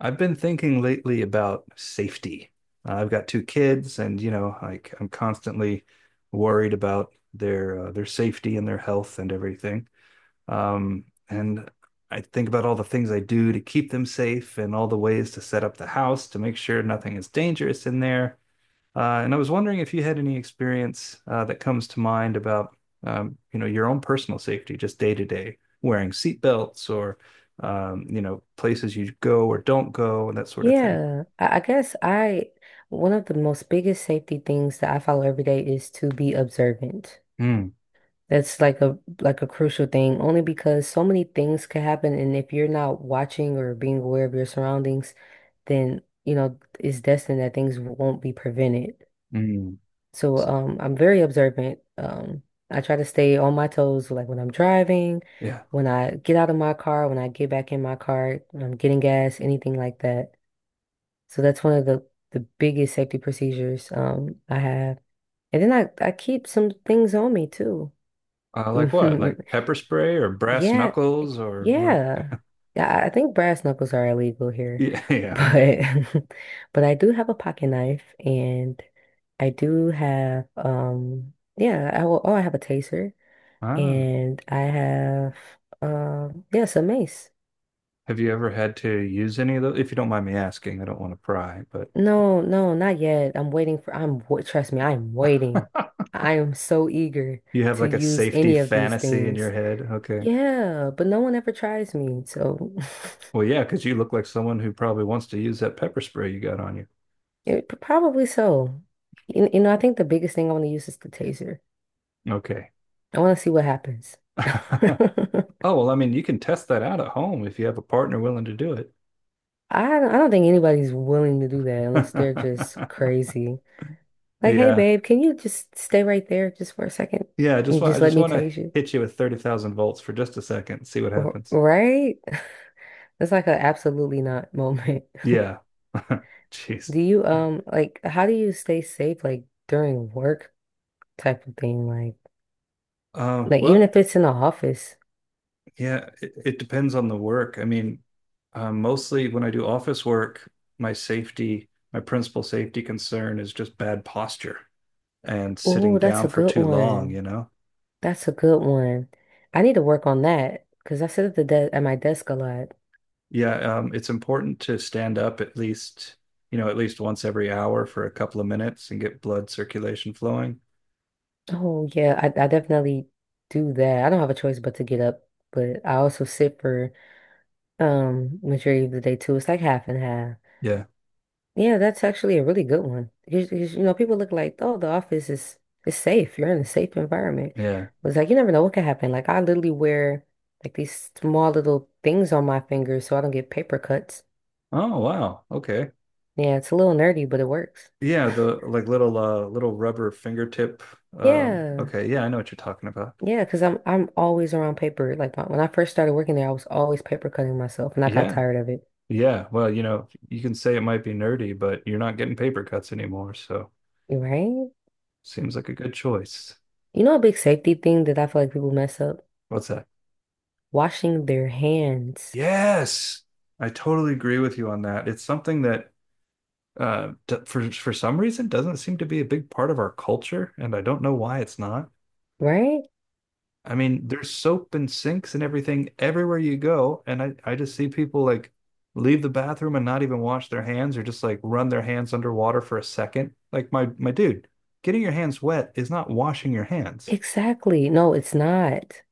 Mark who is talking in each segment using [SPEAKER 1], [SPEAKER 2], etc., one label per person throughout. [SPEAKER 1] I've been thinking lately about safety. I've got two kids, and like I'm constantly worried about their their safety and their health and everything. And I think about all the things I do to keep them safe and all the ways to set up the house to make sure nothing is dangerous in there. And I was wondering if you had any experience that comes to mind about your own personal safety, just day to day, wearing seat belts or places you go or don't go and that sort of thing.
[SPEAKER 2] Yeah, I guess one of the most biggest safety things that I follow every day is to be observant.
[SPEAKER 1] Mm,
[SPEAKER 2] That's like a crucial thing, only because so many things can happen, and if you're not watching or being aware of your surroundings, then you know it's destined that things won't be prevented.
[SPEAKER 1] mm.
[SPEAKER 2] So, I'm very observant. I try to stay on my toes, like when I'm driving,
[SPEAKER 1] Yeah.
[SPEAKER 2] when I get out of my car, when I get back in my car, when I'm getting gas, anything like that. So that's one of the biggest safety procedures I have. And then I keep some things on me too.
[SPEAKER 1] Uh, like what? Like pepper spray or brass
[SPEAKER 2] Yeah,
[SPEAKER 1] knuckles or what?
[SPEAKER 2] yeah. Yeah, I think brass knuckles are illegal here,
[SPEAKER 1] Yeah, yeah, okay.
[SPEAKER 2] but but I do have a pocket knife and I do have yeah, I will, oh I have a taser
[SPEAKER 1] Ah.
[SPEAKER 2] and I have yeah, some mace.
[SPEAKER 1] Have you ever had to use any of those? If you don't mind me asking, I don't want to pry, but
[SPEAKER 2] No, no, not yet. I'm waiting for, I'm, wa- Trust me, I am waiting. I am so eager
[SPEAKER 1] you have
[SPEAKER 2] to
[SPEAKER 1] like a
[SPEAKER 2] use
[SPEAKER 1] safety
[SPEAKER 2] any of these
[SPEAKER 1] fantasy in your
[SPEAKER 2] things.
[SPEAKER 1] head. Okay.
[SPEAKER 2] Yeah, but no one ever tries me. So
[SPEAKER 1] Well, yeah, because you look like someone who probably wants to use that pepper spray you got on you.
[SPEAKER 2] probably so. You know, I think the biggest thing I want to use is the taser.
[SPEAKER 1] Okay.
[SPEAKER 2] I want to see what happens.
[SPEAKER 1] Oh,
[SPEAKER 2] I
[SPEAKER 1] well, I mean, you can test that out at home if you have a partner willing to do it.
[SPEAKER 2] I don't think anybody's willing to do that unless they're just crazy. Like, hey,
[SPEAKER 1] yeah.
[SPEAKER 2] babe, can you just stay right there just for a second
[SPEAKER 1] Yeah, I just
[SPEAKER 2] and
[SPEAKER 1] want I
[SPEAKER 2] just let
[SPEAKER 1] just
[SPEAKER 2] me
[SPEAKER 1] want to
[SPEAKER 2] tase you?
[SPEAKER 1] hit you with 30,000 volts for just a second, and see what happens.
[SPEAKER 2] Right? It's like a absolutely not moment.
[SPEAKER 1] Yeah. Jeez.
[SPEAKER 2] Do you like how do you stay safe like during work type of thing? Like
[SPEAKER 1] Uh,
[SPEAKER 2] like even
[SPEAKER 1] well,
[SPEAKER 2] if it's in the office.
[SPEAKER 1] yeah, it depends on the work. I mean, mostly when I do office work, my safety, my principal safety concern is just bad posture. And sitting
[SPEAKER 2] Oh, that's
[SPEAKER 1] down
[SPEAKER 2] a
[SPEAKER 1] for
[SPEAKER 2] good
[SPEAKER 1] too long, you
[SPEAKER 2] one.
[SPEAKER 1] know?
[SPEAKER 2] That's a good one. I need to work on that because I sit at the de at my desk a lot.
[SPEAKER 1] Yeah, it's important to stand up at least, at least once every hour for a couple of minutes and get blood circulation flowing.
[SPEAKER 2] Oh yeah, I definitely do that. I don't have a choice but to get up, but I also sit for majority of the day too. It's like half and half.
[SPEAKER 1] Yeah,
[SPEAKER 2] Yeah, that's actually a really good one. Because, you know, people look like, oh, the office is safe. You're in a safe environment.
[SPEAKER 1] yeah.
[SPEAKER 2] But it's like you never know what could happen. Like I literally wear like these small little things on my fingers so I don't get paper cuts.
[SPEAKER 1] Oh, wow. Okay.
[SPEAKER 2] Yeah, it's a little nerdy, but it works.
[SPEAKER 1] Yeah, the like little little rubber fingertip.
[SPEAKER 2] Yeah.
[SPEAKER 1] Okay, yeah, I know what you're talking about.
[SPEAKER 2] Yeah, because I'm always around paper. When I first started working there, I was always paper cutting myself and I got
[SPEAKER 1] Yeah.
[SPEAKER 2] tired of it.
[SPEAKER 1] Yeah. Well, you know, you can say it might be nerdy, but you're not getting paper cuts anymore, so
[SPEAKER 2] Right?
[SPEAKER 1] seems like a good choice.
[SPEAKER 2] You know, a big safety thing that I feel like people mess up?
[SPEAKER 1] What's that?
[SPEAKER 2] Washing their hands,
[SPEAKER 1] Yes. I totally agree with you on that. It's something that uh, for some reason doesn't seem to be a big part of our culture, and I don't know why it's not.
[SPEAKER 2] right?
[SPEAKER 1] I mean, there's soap and sinks and everything everywhere you go, and I just see people like leave the bathroom and not even wash their hands or just like run their hands underwater for a second. Like my dude, getting your hands wet is not washing your hands.
[SPEAKER 2] Exactly. No, it's not.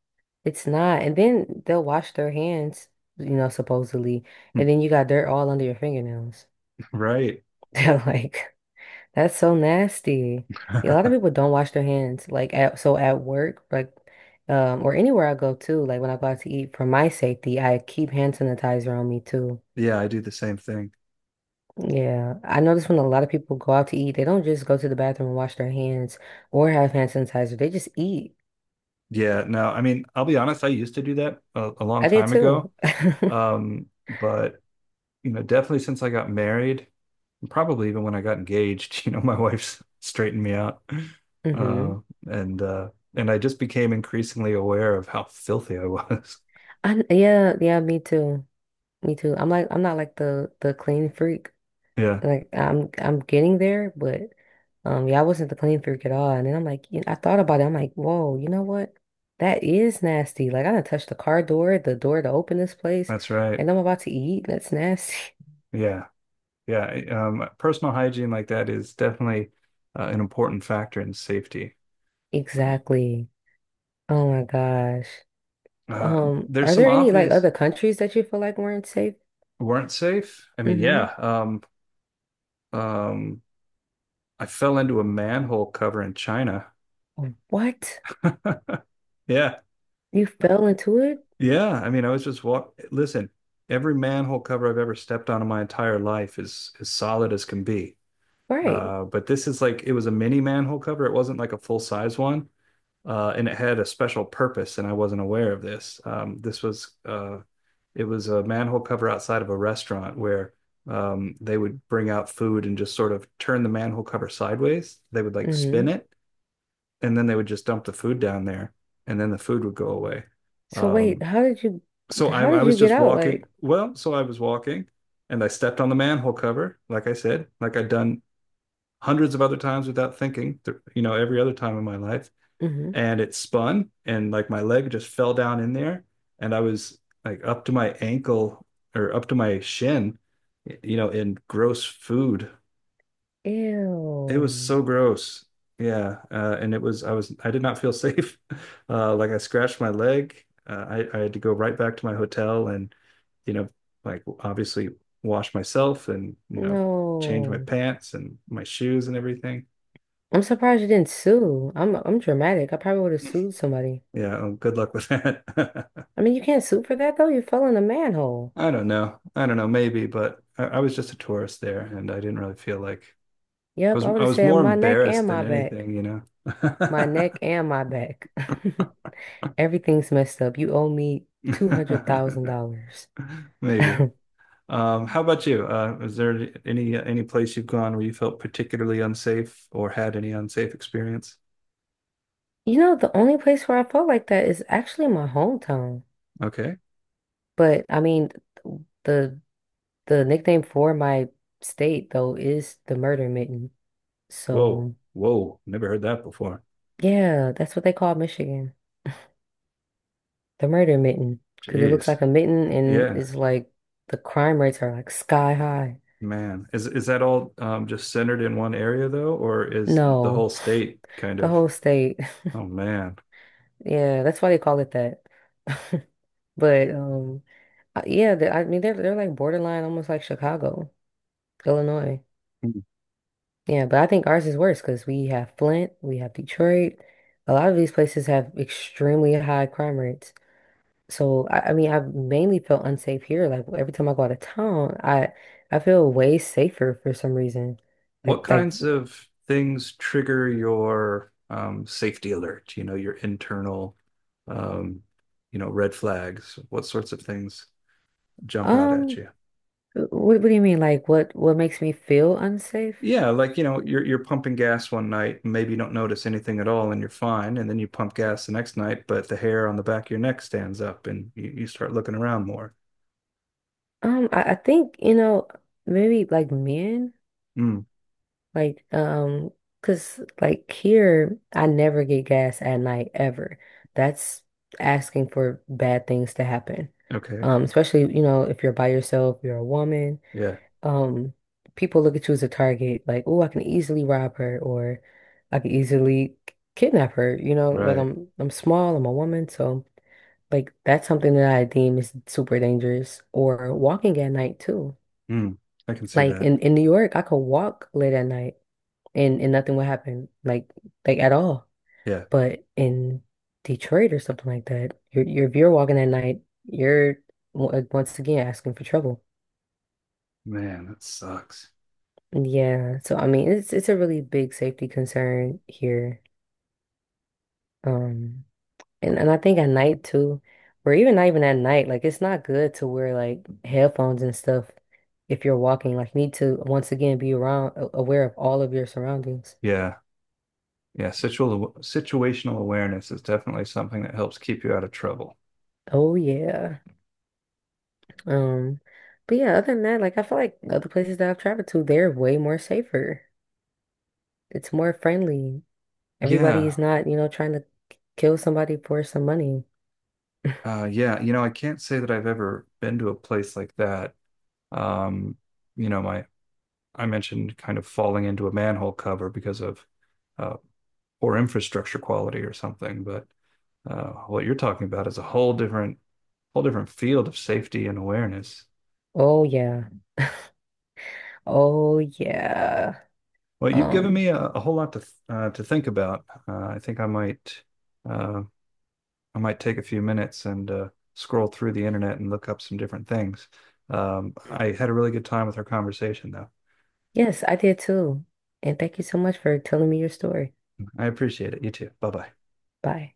[SPEAKER 2] It's not. And then they'll wash their hands, you know, supposedly. And then you got dirt all under your fingernails.
[SPEAKER 1] Right.
[SPEAKER 2] They're like, that's so nasty. Yeah, a lot of people don't wash their hands. Like at so at work, like or anywhere I go to, like when I go out to eat, for my safety, I keep hand sanitizer on me too.
[SPEAKER 1] Yeah, I do the same thing.
[SPEAKER 2] Yeah. I notice when a lot of people go out to eat, they don't just go to the bathroom and wash their hands or have hand sanitizer. They just eat.
[SPEAKER 1] Yeah, no, I mean, I'll be honest, I used to do that a long
[SPEAKER 2] I did
[SPEAKER 1] time ago.
[SPEAKER 2] too.
[SPEAKER 1] But definitely since I got married, probably even when I got engaged, my wife's straightened me out. Uh,
[SPEAKER 2] Hmm.
[SPEAKER 1] and uh, and I just became increasingly aware of how filthy I was.
[SPEAKER 2] I Yeah, yeah, me too. Me too. I'm like I'm not like the clean freak.
[SPEAKER 1] Yeah,
[SPEAKER 2] Like I'm getting there, but yeah, I wasn't the clean freak at all. And then I'm like, you I thought about it. I'm like, whoa, you know what? That is nasty. Like I done touched the car door, the door to open this place,
[SPEAKER 1] that's right.
[SPEAKER 2] and I'm about to eat. That's nasty.
[SPEAKER 1] Yeah. Yeah. Personal hygiene like that is definitely an important factor in safety.
[SPEAKER 2] Exactly. Oh my gosh.
[SPEAKER 1] Uh, there's
[SPEAKER 2] Are
[SPEAKER 1] some
[SPEAKER 2] there any like
[SPEAKER 1] obvious
[SPEAKER 2] other countries that you feel like weren't safe?
[SPEAKER 1] weren't safe. I mean,
[SPEAKER 2] Mm-hmm.
[SPEAKER 1] yeah. Um, I fell into a manhole cover in China.
[SPEAKER 2] What?
[SPEAKER 1] Yeah.
[SPEAKER 2] You fell into it?
[SPEAKER 1] Yeah, I mean, I was just walk. Listen, every manhole cover I've ever stepped on in my entire life is as solid as can be.
[SPEAKER 2] Right.
[SPEAKER 1] But this is like it was a mini manhole cover. It wasn't like a full size one, and it had a special purpose. And I wasn't aware of this. This was it was a manhole cover outside of a restaurant where they would bring out food and just sort of turn the manhole cover sideways. They would like spin
[SPEAKER 2] Mm-hmm.
[SPEAKER 1] it, and then they would just dump the food down there, and then the food would go away.
[SPEAKER 2] So wait,
[SPEAKER 1] Um,
[SPEAKER 2] how did you
[SPEAKER 1] so
[SPEAKER 2] How
[SPEAKER 1] I
[SPEAKER 2] did
[SPEAKER 1] was
[SPEAKER 2] you get
[SPEAKER 1] just
[SPEAKER 2] out?
[SPEAKER 1] walking. Well, so I was walking and I stepped on the manhole cover, like I said, like I'd done hundreds of other times without thinking, every other time in my life.
[SPEAKER 2] Hmm.
[SPEAKER 1] And it spun and like my leg just fell down in there. And I was like up to my ankle or up to my shin, you know, in gross food it was
[SPEAKER 2] Ew.
[SPEAKER 1] so gross. Yeah, and it was I did not feel safe. Like I scratched my leg. I had to go right back to my hotel and you know like obviously wash myself and change my
[SPEAKER 2] No.
[SPEAKER 1] pants and my shoes and everything.
[SPEAKER 2] I'm surprised you didn't sue. I'm dramatic. I probably would have sued somebody.
[SPEAKER 1] Yeah, good luck with that.
[SPEAKER 2] I mean, you can't sue for that though. You fell in a manhole.
[SPEAKER 1] I don't know. I don't know. Maybe, but I was just a tourist there, and I didn't really feel like I
[SPEAKER 2] Yep,
[SPEAKER 1] was.
[SPEAKER 2] I would
[SPEAKER 1] I
[SPEAKER 2] have
[SPEAKER 1] was
[SPEAKER 2] said
[SPEAKER 1] more
[SPEAKER 2] my neck and
[SPEAKER 1] embarrassed
[SPEAKER 2] my
[SPEAKER 1] than
[SPEAKER 2] back.
[SPEAKER 1] anything, you know.
[SPEAKER 2] My neck and my back. Everything's messed up. You owe me $200,000.
[SPEAKER 1] Maybe. How about you? Is there any place you've gone where you felt particularly unsafe or had any unsafe experience?
[SPEAKER 2] You know, the only place where I felt like that is actually my hometown.
[SPEAKER 1] Okay.
[SPEAKER 2] But I mean, the The nickname for my state, though, is the Murder Mitten.
[SPEAKER 1] Whoa,
[SPEAKER 2] So,
[SPEAKER 1] whoa, never heard that before.
[SPEAKER 2] yeah, that's what they call Michigan, the Murder Mitten, because it looks
[SPEAKER 1] Jeez.
[SPEAKER 2] like a mitten and
[SPEAKER 1] Yeah,
[SPEAKER 2] it's like the crime rates are like sky high.
[SPEAKER 1] man. Is that all just centered in one area though, or is the
[SPEAKER 2] No,
[SPEAKER 1] whole state kind
[SPEAKER 2] the
[SPEAKER 1] of?
[SPEAKER 2] whole state.
[SPEAKER 1] Oh man.
[SPEAKER 2] Yeah, that's why they call it that. But yeah, I mean they're like borderline, almost like Chicago, Illinois.
[SPEAKER 1] Hmm.
[SPEAKER 2] Yeah, but I think ours is worse because we have Flint, we have Detroit. A lot of these places have extremely high crime rates. So I mean, I've mainly felt unsafe here. Like every time I go out of town, I feel way safer for some reason. Like
[SPEAKER 1] What
[SPEAKER 2] like
[SPEAKER 1] kinds of things trigger your safety alert? You know, your internal, um, red flags. What sorts of things jump out at
[SPEAKER 2] um,
[SPEAKER 1] you?
[SPEAKER 2] what do you mean? Like what makes me feel unsafe?
[SPEAKER 1] Yeah, like you're pumping gas one night, and maybe you don't notice anything at all, and you're fine. And then you pump gas the next night, but the hair on the back of your neck stands up, and you start looking around more.
[SPEAKER 2] I think you know maybe like men
[SPEAKER 1] Mm,
[SPEAKER 2] like cause like here I never get gas at night ever. That's asking for bad things to happen.
[SPEAKER 1] okay,
[SPEAKER 2] Especially you know if you're by yourself, you're a woman.
[SPEAKER 1] yeah,
[SPEAKER 2] Um, people look at you as a target, like, oh, I can easily rob her or I can easily kidnap her, you know, like
[SPEAKER 1] right.
[SPEAKER 2] I'm small, I'm a woman, so like that's something that I deem is super dangerous. Or walking at night too.
[SPEAKER 1] Mm, I can see
[SPEAKER 2] Like
[SPEAKER 1] that.
[SPEAKER 2] in New York, I could walk late at night and nothing would happen, like at all.
[SPEAKER 1] Yeah,
[SPEAKER 2] But in Detroit or something like that, you're if you're walking at night, you're once again asking for trouble.
[SPEAKER 1] man, that sucks.
[SPEAKER 2] Yeah, so I mean it's a really big safety concern here. Um and I think at night too, or even not even at night, like it's not good to wear like headphones and stuff if you're walking. Like you need to once again be around aware of all of your surroundings.
[SPEAKER 1] Yeah, yeah. Situal situational awareness is definitely something that helps keep you out of trouble.
[SPEAKER 2] Oh yeah. Um but yeah, other than that, like I feel like other places that I've traveled to, they're way more safer. It's more friendly. Everybody is
[SPEAKER 1] Yeah,
[SPEAKER 2] not, you know, trying to kill somebody for some money.
[SPEAKER 1] yeah. You know, I can't say that I've ever been to a place like that. Um, you know, my I mentioned kind of falling into a manhole cover because of uh, poor infrastructure quality or something. But what you're talking about is a whole different field of safety and awareness.
[SPEAKER 2] Oh yeah. Oh yeah.
[SPEAKER 1] Well, you've given
[SPEAKER 2] Um,
[SPEAKER 1] me a whole lot to think about. Uh, I might take a few minutes and scroll through the internet and look up some different things. I had a really good time with our conversation, though.
[SPEAKER 2] yes, I did too. And thank you so much for telling me your story.
[SPEAKER 1] I appreciate it. You too. Bye bye.
[SPEAKER 2] Bye.